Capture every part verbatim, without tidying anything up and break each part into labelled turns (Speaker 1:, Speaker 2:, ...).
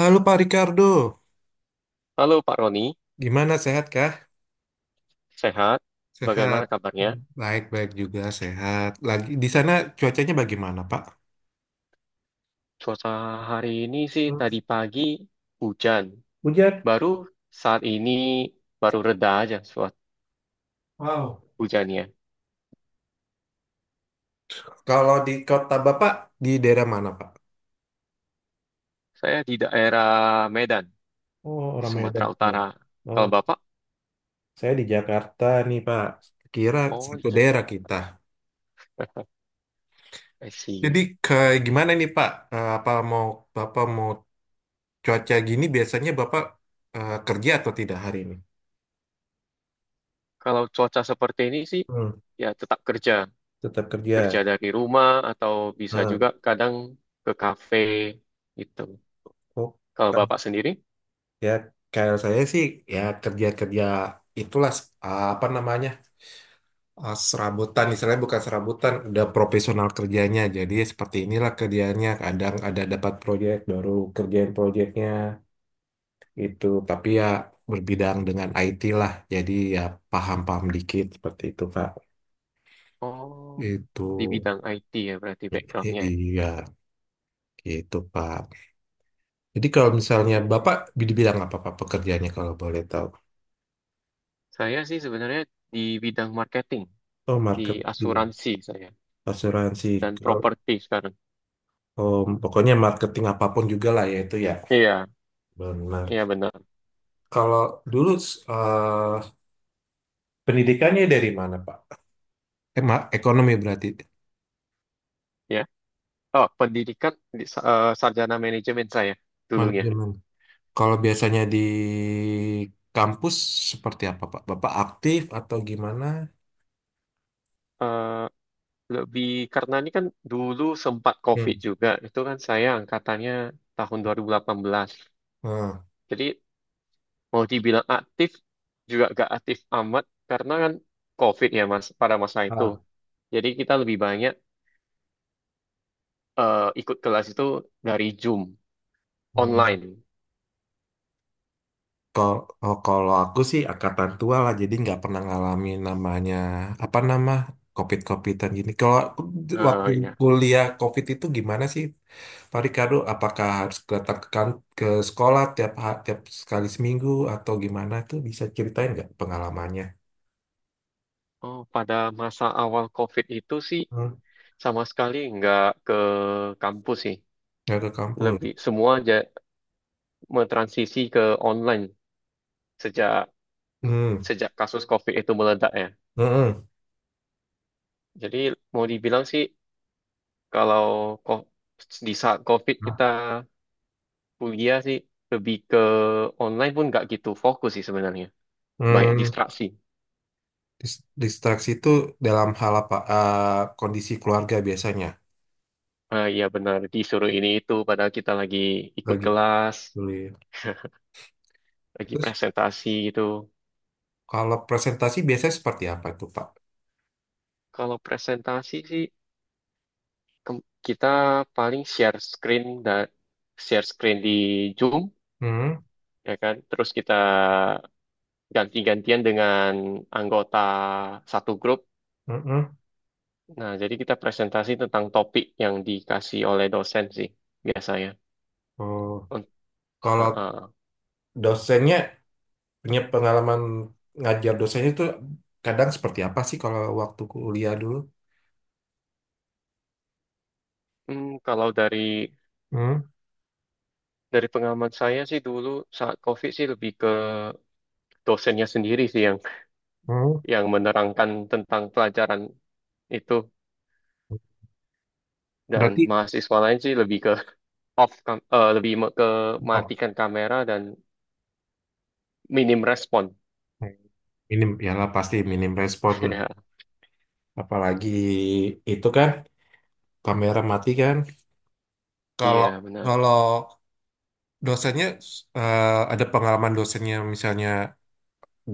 Speaker 1: Halo Pak Ricardo,
Speaker 2: Halo Pak Roni,
Speaker 1: gimana sehat kah?
Speaker 2: sehat?
Speaker 1: Sehat.
Speaker 2: Bagaimana kabarnya?
Speaker 1: Hmm, Baik-baik juga sehat. Lagi di sana cuacanya bagaimana, Pak?
Speaker 2: Cuaca hari ini sih tadi
Speaker 1: Hmm.
Speaker 2: pagi hujan.
Speaker 1: Hujan?
Speaker 2: Baru saat ini baru reda aja suat
Speaker 1: Wow.
Speaker 2: hujannya.
Speaker 1: Kalau di kota Bapak, di daerah mana, Pak?
Speaker 2: Saya di daerah Medan,
Speaker 1: Oh,
Speaker 2: di
Speaker 1: orang
Speaker 2: Sumatera
Speaker 1: Medan.
Speaker 2: Utara. Kalau
Speaker 1: Oh,
Speaker 2: Bapak?
Speaker 1: saya di Jakarta nih, Pak. Kira
Speaker 2: Oh, di
Speaker 1: satu daerah
Speaker 2: Jakarta.
Speaker 1: kita.
Speaker 2: I
Speaker 1: Jadi
Speaker 2: see.
Speaker 1: ke gimana nih, Pak? Eh, Apa mau Bapak mau cuaca gini biasanya Bapak eh, kerja atau tidak hari ini?
Speaker 2: Kalau cuaca seperti ini sih
Speaker 1: Hmm,
Speaker 2: ya tetap kerja.
Speaker 1: tetap kerja.
Speaker 2: Kerja dari rumah atau bisa juga
Speaker 1: Hmm.
Speaker 2: kadang ke kafe gitu.
Speaker 1: Oh,
Speaker 2: Kalau Bapak sendiri?
Speaker 1: ya, kayak saya sih ya kerja-kerja itulah, eh, apa namanya, eh, serabutan, istilahnya bukan serabutan, udah profesional kerjanya. Jadi seperti inilah kerjanya. Kadang ada dapat proyek, baru kerjain proyeknya itu. Tapi ya berbidang dengan I T lah. Jadi ya paham-paham dikit seperti itu Pak.
Speaker 2: Oh, di
Speaker 1: Itu.
Speaker 2: bidang I T ya berarti
Speaker 1: I-
Speaker 2: backgroundnya.
Speaker 1: iya gitu Pak. Jadi kalau misalnya
Speaker 2: Iya.
Speaker 1: Bapak di bidang apa Pak pekerjaannya kalau boleh tahu?
Speaker 2: Saya sih sebenarnya di bidang marketing,
Speaker 1: Oh,
Speaker 2: di
Speaker 1: marketing,
Speaker 2: asuransi saya,
Speaker 1: asuransi.
Speaker 2: dan properti sekarang.
Speaker 1: Oh, pokoknya marketing apapun juga lah ya itu ya.
Speaker 2: Iya, iya
Speaker 1: Benar.
Speaker 2: benar.
Speaker 1: Kalau dulu, eh, pendidikannya dari mana, Pak? Eh, ma- ekonomi berarti
Speaker 2: Ya. Oh, pendidikan di, sa- eh, sarjana manajemen saya dulunya.
Speaker 1: manajemen. Kalau biasanya di kampus seperti apa, Pak? Bapak aktif atau gimana?
Speaker 2: Eh, Lebih karena ini kan dulu sempat
Speaker 1: Hmm.
Speaker 2: COVID juga, itu kan saya angkatannya tahun dua ribu delapan belas.
Speaker 1: Hmm.
Speaker 2: Jadi mau dibilang aktif juga gak aktif amat karena kan COVID ya mas pada masa itu.
Speaker 1: Ah.
Speaker 2: Jadi kita lebih banyak eh, ikut kelas itu dari Zoom.
Speaker 1: Hmm.
Speaker 2: Online.
Speaker 1: Kalau kalau aku sih angkatan tua lah, jadi nggak pernah ngalamin namanya apa nama covid-covidan gini. Kalau aku d- waktu
Speaker 2: Ah, iya.
Speaker 1: kuliah covid itu gimana sih, Pak Ricardo? Apakah harus datang ke, kan- ke sekolah, tiap ha- tiap sekali seminggu atau gimana tuh? Bisa ceritain nggak pengalamannya?
Speaker 2: Oh, pada masa awal COVID itu sih
Speaker 1: Hmm.
Speaker 2: sama sekali nggak ke kampus sih.
Speaker 1: Nggak ke kampus.
Speaker 2: Lebih semua aja mentransisi ke online sejak
Speaker 1: Hmm.
Speaker 2: sejak kasus COVID itu meledak ya.
Speaker 1: Hmm.
Speaker 2: Jadi mau dibilang sih kalau ko- di saat COVID
Speaker 1: Hmm.
Speaker 2: kita kuliah sih lebih ke online pun nggak gitu fokus sih sebenarnya. Banyak
Speaker 1: Hmm,
Speaker 2: distraksi.
Speaker 1: Dis- Distraksi itu dalam hal apa? Eh, kondisi keluarga biasanya
Speaker 2: Ah, iya benar disuruh ini itu padahal kita lagi ikut
Speaker 1: lagi
Speaker 2: kelas,
Speaker 1: kuliah.
Speaker 2: lagi
Speaker 1: Terus,
Speaker 2: presentasi gitu.
Speaker 1: kalau presentasi biasanya seperti apa itu, Pak?
Speaker 2: Kalau presentasi sih ke- kita paling share screen dan share screen di Zoom
Speaker 1: Hmm.
Speaker 2: ya kan. Terus kita ganti-gantian dengan anggota satu grup.
Speaker 1: Mm-mm.
Speaker 2: Nah, jadi kita presentasi tentang topik yang dikasih oleh dosen sih biasanya.
Speaker 1: Oh,
Speaker 2: Unt-
Speaker 1: kalau
Speaker 2: uh, uh.
Speaker 1: dosennya punya pengalaman ngajar dosennya itu kadang seperti apa sih kalau waktu kuliah dulu?
Speaker 2: Hmm, kalau dari
Speaker 1: Hmm.
Speaker 2: dari pengalaman saya sih dulu saat COVID sih lebih ke dosennya sendiri sih yang
Speaker 1: Hmm.
Speaker 2: yang menerangkan tentang pelajaran itu dan
Speaker 1: Berarti,
Speaker 2: mahasiswa lain sih lebih ke off kam- eh, lebih me- ke
Speaker 1: oh,
Speaker 2: matikan kamera dan minim respon.
Speaker 1: minim ya lah, pasti minim respon lah.
Speaker 2: Ya,
Speaker 1: Apalagi itu kan kamera mati kan.
Speaker 2: iya
Speaker 1: Kalau
Speaker 2: benar.
Speaker 1: kalau dosennya, eh, ada pengalaman dosennya misalnya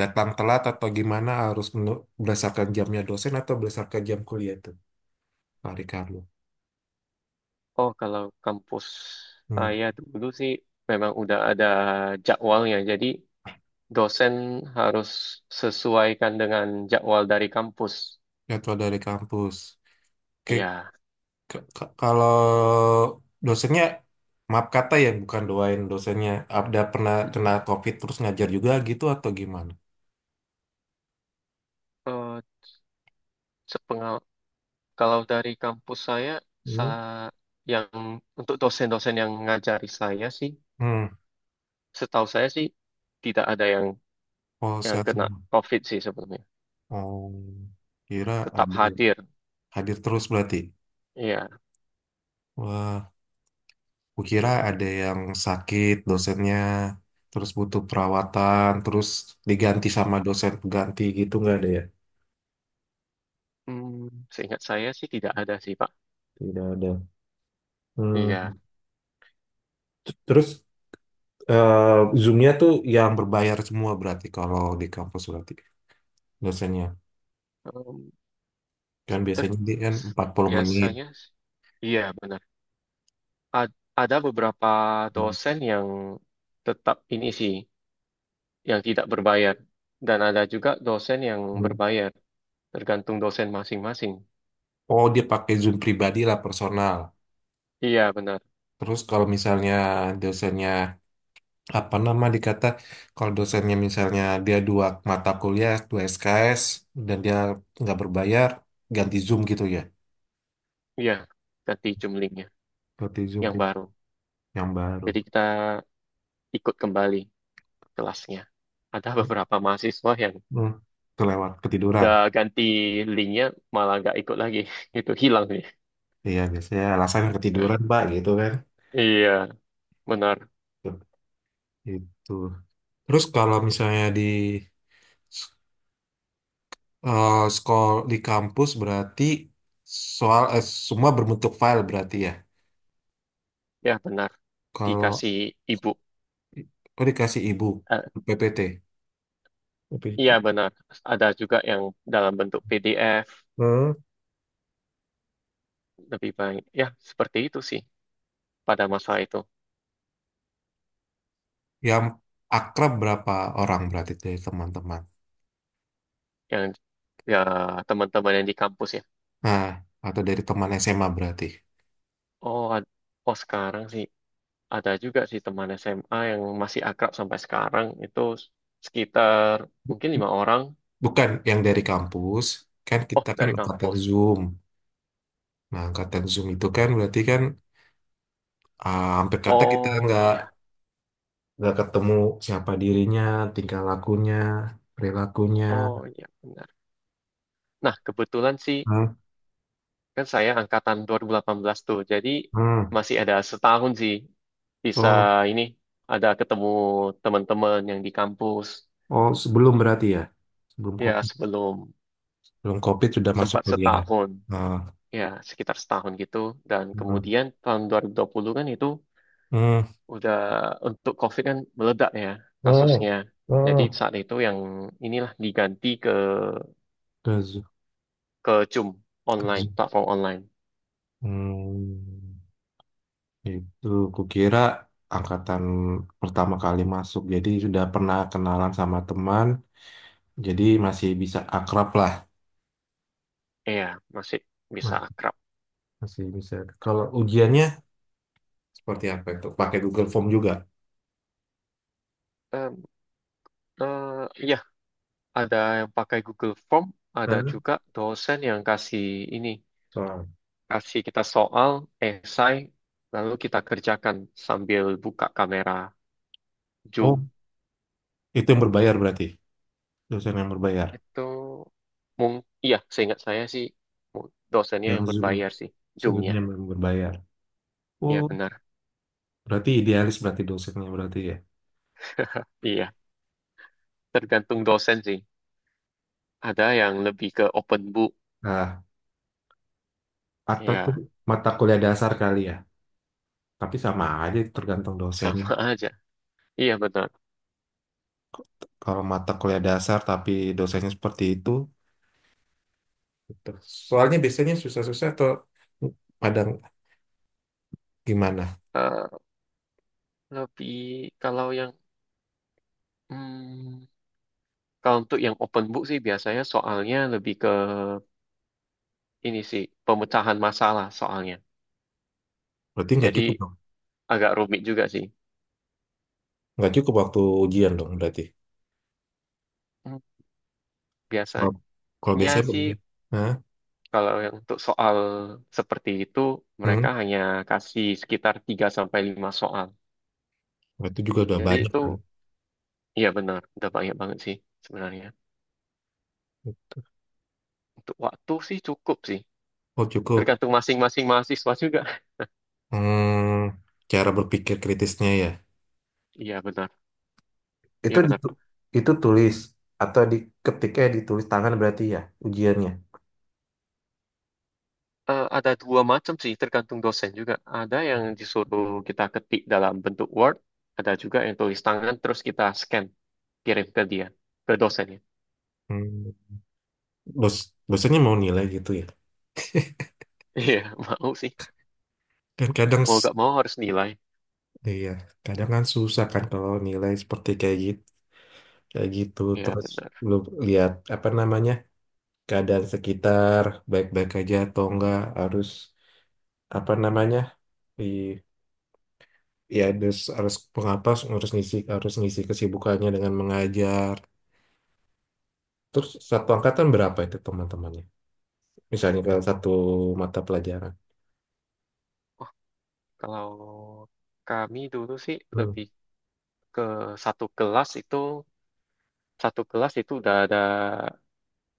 Speaker 1: datang telat atau gimana, harus menu- berdasarkan jamnya dosen atau berdasarkan jam kuliah tuh, Pak Ricardo?
Speaker 2: Oh, kalau kampus
Speaker 1: Hmm,
Speaker 2: saya dulu sih memang udah ada jadwalnya. Jadi dosen harus sesuaikan dengan jadwal dari kampus.
Speaker 1: jadwal dari kampus. Oke,
Speaker 2: Iya.
Speaker 1: k- k- kalau dosennya, maaf kata ya bukan doain dosennya, ada pernah kena
Speaker 2: Mm-mm.
Speaker 1: COVID terus ngajar juga gitu atau gimana?
Speaker 2: Eh, sepengal- Kalau dari kampus saya,
Speaker 1: Hmm.
Speaker 2: sa- yang untuk dosen-dosen yang ngajari saya sih,
Speaker 1: Hmm.
Speaker 2: setahu saya sih tidak ada yang
Speaker 1: Oh,
Speaker 2: yang
Speaker 1: sehat
Speaker 2: kena
Speaker 1: semua.
Speaker 2: COVID sih sebelumnya.
Speaker 1: Oh, kira
Speaker 2: Tetap
Speaker 1: ada
Speaker 2: hadir.
Speaker 1: hadir terus berarti.
Speaker 2: Iya,
Speaker 1: Wah. Kukira ada yang sakit dosennya, terus butuh perawatan, terus diganti sama dosen pengganti gitu nggak ada ya?
Speaker 2: Hmm, seingat saya sih tidak ada sih Pak.
Speaker 1: Tidak ada.
Speaker 2: Iya,
Speaker 1: Hmm. T- Terus eh, Zoom-nya tuh yang berbayar semua berarti, kalau di kampus berarti dosennya.
Speaker 2: Em,
Speaker 1: Kan
Speaker 2: ter-
Speaker 1: biasanya dia kan
Speaker 2: s-
Speaker 1: empat puluh menit.
Speaker 2: biasanya, s- iya benar. A- ada beberapa dosen yang tetap ini sih, yang tidak berbayar, dan ada juga dosen yang
Speaker 1: Hmm.
Speaker 2: berbayar, tergantung dosen masing-masing.
Speaker 1: Oh, dia pakai Zoom pribadi lah, personal.
Speaker 2: Iya benar,
Speaker 1: Terus kalau misalnya dosennya apa nama dikata, kalau dosennya misalnya dia dua mata kuliah dua S K S dan dia nggak berbayar, ganti Zoom gitu ya,
Speaker 2: iya ganti jumlingnya
Speaker 1: ganti Zoom
Speaker 2: yang
Speaker 1: ya,
Speaker 2: baru.
Speaker 1: yang baru.
Speaker 2: Jadi kita ikut kembali kelasnya. Ada beberapa mahasiswa yang
Speaker 1: Hmm. Kelewat ketiduran.
Speaker 2: udah ganti linknya malah nggak ikut lagi, itu hilang nih.
Speaker 1: Iya, biasanya alasan ketiduran Pak gitu kan.
Speaker 2: Iya benar.
Speaker 1: Itu. Terus kalau misalnya di eh, sekolah di kampus berarti, soal eh, semua berbentuk file berarti ya.
Speaker 2: Ya benar.
Speaker 1: Kalau,
Speaker 2: Dikasih ibu.
Speaker 1: oh dikasih ibu
Speaker 2: Eh,
Speaker 1: P P T. P P T.
Speaker 2: iya benar, ada juga yang dalam bentuk P D F lebih baik, ya seperti itu sih pada masa itu.
Speaker 1: Yang akrab berapa orang berarti dari teman-teman?
Speaker 2: Yang ya, teman-teman yang di kampus ya.
Speaker 1: Nah, atau dari teman S M A berarti.
Speaker 2: oh ad- oh sekarang sih ada juga sih teman S M A yang masih akrab sampai sekarang itu, sekitar mungkin lima orang.
Speaker 1: Bukan yang dari kampus, kan
Speaker 2: Oh,
Speaker 1: kita kan
Speaker 2: dari
Speaker 1: angkatan
Speaker 2: kampus.
Speaker 1: Zoom. Nah, angkatan Zoom itu kan berarti kan ah, hampir kata kita
Speaker 2: Oh
Speaker 1: nggak
Speaker 2: iya.
Speaker 1: nggak ketemu siapa dirinya, tingkah lakunya, perilakunya.
Speaker 2: Oh iya benar. Nah, kebetulan sih
Speaker 1: Hmm.
Speaker 2: kan saya angkatan dua ribu delapan belas tuh. Jadi
Speaker 1: Hmm.
Speaker 2: masih ada setahun sih bisa
Speaker 1: Oh,
Speaker 2: ini, ada ketemu teman-teman yang di kampus
Speaker 1: oh sebelum berarti ya? Sebelum
Speaker 2: ya,
Speaker 1: COVID.
Speaker 2: sebelum.
Speaker 1: Sebelum COVID sudah masuk
Speaker 2: Sempat
Speaker 1: kuliah.
Speaker 2: setahun,
Speaker 1: Nah.
Speaker 2: ya sekitar setahun gitu. Dan
Speaker 1: Hmm.
Speaker 2: kemudian tahun dua dua ribu dua puluh kan, itu
Speaker 1: Hmm.
Speaker 2: udah, untuk COVID kan meledak ya
Speaker 1: Hmm.
Speaker 2: kasusnya. Jadi
Speaker 1: Hmm.
Speaker 2: saat itu yang inilah diganti ke
Speaker 1: Ke Zoom.
Speaker 2: ke Zoom
Speaker 1: Ke
Speaker 2: online,
Speaker 1: Zoom.
Speaker 2: platform online.
Speaker 1: Hmm. Itu kukira angkatan pertama kali masuk, jadi sudah pernah kenalan sama teman, jadi masih bisa akrab lah.
Speaker 2: Iya, masih bisa
Speaker 1: Ma-
Speaker 2: akrab.
Speaker 1: Masih bisa. Kalau ujiannya seperti apa itu? Pakai Google Form juga.
Speaker 2: Em, eh, Iya, ada yang pakai Google Form, ada
Speaker 1: Hah?
Speaker 2: juga dosen yang kasih ini,
Speaker 1: Soal.
Speaker 2: kasih kita soal, esai, lalu kita kerjakan sambil buka kamera
Speaker 1: Oh,
Speaker 2: Zoom.
Speaker 1: itu yang berbayar berarti. Dosen yang berbayar.
Speaker 2: Itu mung, iya, seingat saya sih mu- dosennya
Speaker 1: Yang
Speaker 2: yang
Speaker 1: Zoom,
Speaker 2: berbayar sih, Zoom-nya.
Speaker 1: Zoomnya yang berbayar.
Speaker 2: Iya
Speaker 1: Oh,
Speaker 2: benar,
Speaker 1: berarti idealis berarti dosennya berarti ya.
Speaker 2: iya. Tergantung dosen sih. Ada yang lebih ke open book,
Speaker 1: Nah, atau tuh
Speaker 2: ya
Speaker 1: mata kuliah dasar kali ya. Tapi sama aja tergantung dosen.
Speaker 2: sama aja. Iya benar.
Speaker 1: Kalau mata kuliah dasar tapi dosennya seperti itu. Gitu. Soalnya biasanya susah-susah atau pada gimana?
Speaker 2: Eh, Lebih, kalau yang hmm, kalau untuk yang open book sih biasanya soalnya lebih ke ini sih pemecahan masalah soalnya.
Speaker 1: Berarti nggak
Speaker 2: Jadi
Speaker 1: cukup dong.
Speaker 2: agak rumit juga sih.
Speaker 1: Nggak cukup waktu ujian dong berarti.
Speaker 2: Hmm. Biasanya
Speaker 1: Kalau kalau biasanya begini.
Speaker 2: sih
Speaker 1: Hah?
Speaker 2: kalau yang untuk soal seperti itu
Speaker 1: Hmm?
Speaker 2: mereka hanya kasih sekitar tiga sampai lima soal.
Speaker 1: Nah, itu juga udah
Speaker 2: Jadi
Speaker 1: banyak
Speaker 2: itu
Speaker 1: kan.
Speaker 2: ya benar, udah banyak banget sih sebenarnya.
Speaker 1: Gitu.
Speaker 2: Untuk waktu sih cukup sih.
Speaker 1: Oh, cukup.
Speaker 2: Tergantung masing-masing mahasiswa juga.
Speaker 1: Hmm, cara berpikir kritisnya ya.
Speaker 2: Iya benar,
Speaker 1: Itu
Speaker 2: iya benar
Speaker 1: ditu-
Speaker 2: Pak.
Speaker 1: itu tulis atau di ketiknya, ditulis tangan berarti ya, ujiannya.
Speaker 2: Eh, ada dua macam sih, tergantung dosen juga. Ada yang disuruh kita ketik dalam bentuk Word, ada juga yang tulis tangan terus kita scan. Kirim ke dia, ke dosennya.
Speaker 1: Hmm, bos dosennya mau nilai gitu ya
Speaker 2: Iya, mau sih,
Speaker 1: kan, kadang
Speaker 2: mau
Speaker 1: s-
Speaker 2: gak mau harus nilai.
Speaker 1: iya, kadang kan susah kan kalau nilai seperti kayak gitu, kayak gitu.
Speaker 2: Iya
Speaker 1: Terus
Speaker 2: benar.
Speaker 1: lu lihat apa namanya, keadaan sekitar baik-baik aja atau enggak, harus apa namanya di ya harus harus pengapas, harus ngisi harus ngisi kesibukannya dengan mengajar. Terus satu angkatan berapa itu teman-temannya? Misalnya kalau satu mata pelajaran.
Speaker 2: Kalau kami dulu sih
Speaker 1: Hmm.
Speaker 2: lebih ke satu kelas itu satu kelas itu udah ada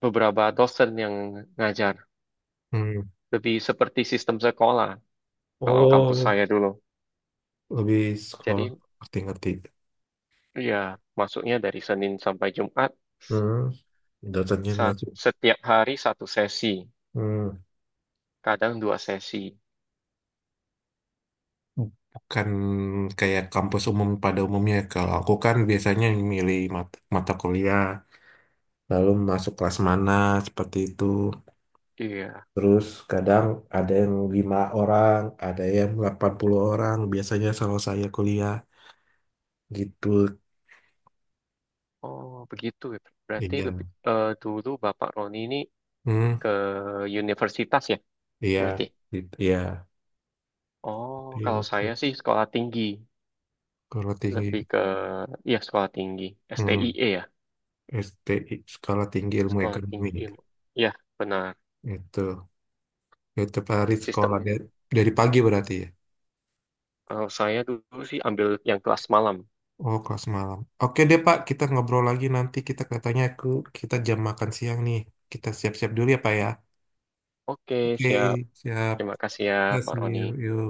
Speaker 2: beberapa dosen yang ngajar,
Speaker 1: Hmm.
Speaker 2: lebih seperti sistem sekolah kalau kampus
Speaker 1: Oh,
Speaker 2: saya dulu.
Speaker 1: lebih sekolah.
Speaker 2: Jadi
Speaker 1: Ngerti-ngerti.
Speaker 2: ya masuknya dari Senin sampai Jumat,
Speaker 1: Hmm. Dosennya
Speaker 2: sa-
Speaker 1: ngerti.
Speaker 2: setiap hari satu sesi, kadang dua sesi.
Speaker 1: Bukan kayak kampus umum pada umumnya. Kalau aku kan biasanya milih mat- mata kuliah, lalu masuk kelas mana, seperti itu.
Speaker 2: Iya.
Speaker 1: Terus kadang ada yang lima orang, ada yang delapan puluh orang, biasanya selalu saya kuliah. Gitu.
Speaker 2: Oh begitu ya. Berarti lebih
Speaker 1: Iya.
Speaker 2: eh, dulu Bapak Roni ini
Speaker 1: Hmm,
Speaker 2: ke universitas ya
Speaker 1: iya.
Speaker 2: berarti.
Speaker 1: Gitu. Iya.
Speaker 2: Oh, kalau
Speaker 1: Itu.
Speaker 2: saya sih sekolah tinggi,
Speaker 1: Kalau
Speaker 2: lebih
Speaker 1: tinggi.
Speaker 2: ke ya sekolah tinggi,
Speaker 1: Hmm,
Speaker 2: stie ya,
Speaker 1: S T I, Sekolah Tinggi Ilmu
Speaker 2: sekolah
Speaker 1: Ekonomi.
Speaker 2: tinggi
Speaker 1: Gitu.
Speaker 2: ilmu. Ya, benar
Speaker 1: Itu. Itu hari sekolah
Speaker 2: sistemnya.
Speaker 1: dari, dari, pagi berarti ya?
Speaker 2: Kalau saya dulu sih ambil yang kelas malam.
Speaker 1: Oh, kelas malam. Oke deh, Pak. Kita ngobrol lagi nanti. Kita katanya aku kita jam makan siang nih. Kita siap-siap dulu ya, Pak ya.
Speaker 2: Oke,
Speaker 1: Oke,
Speaker 2: siap.
Speaker 1: siap.
Speaker 2: Terima kasih ya,
Speaker 1: Kita
Speaker 2: Pak Roni.
Speaker 1: see you.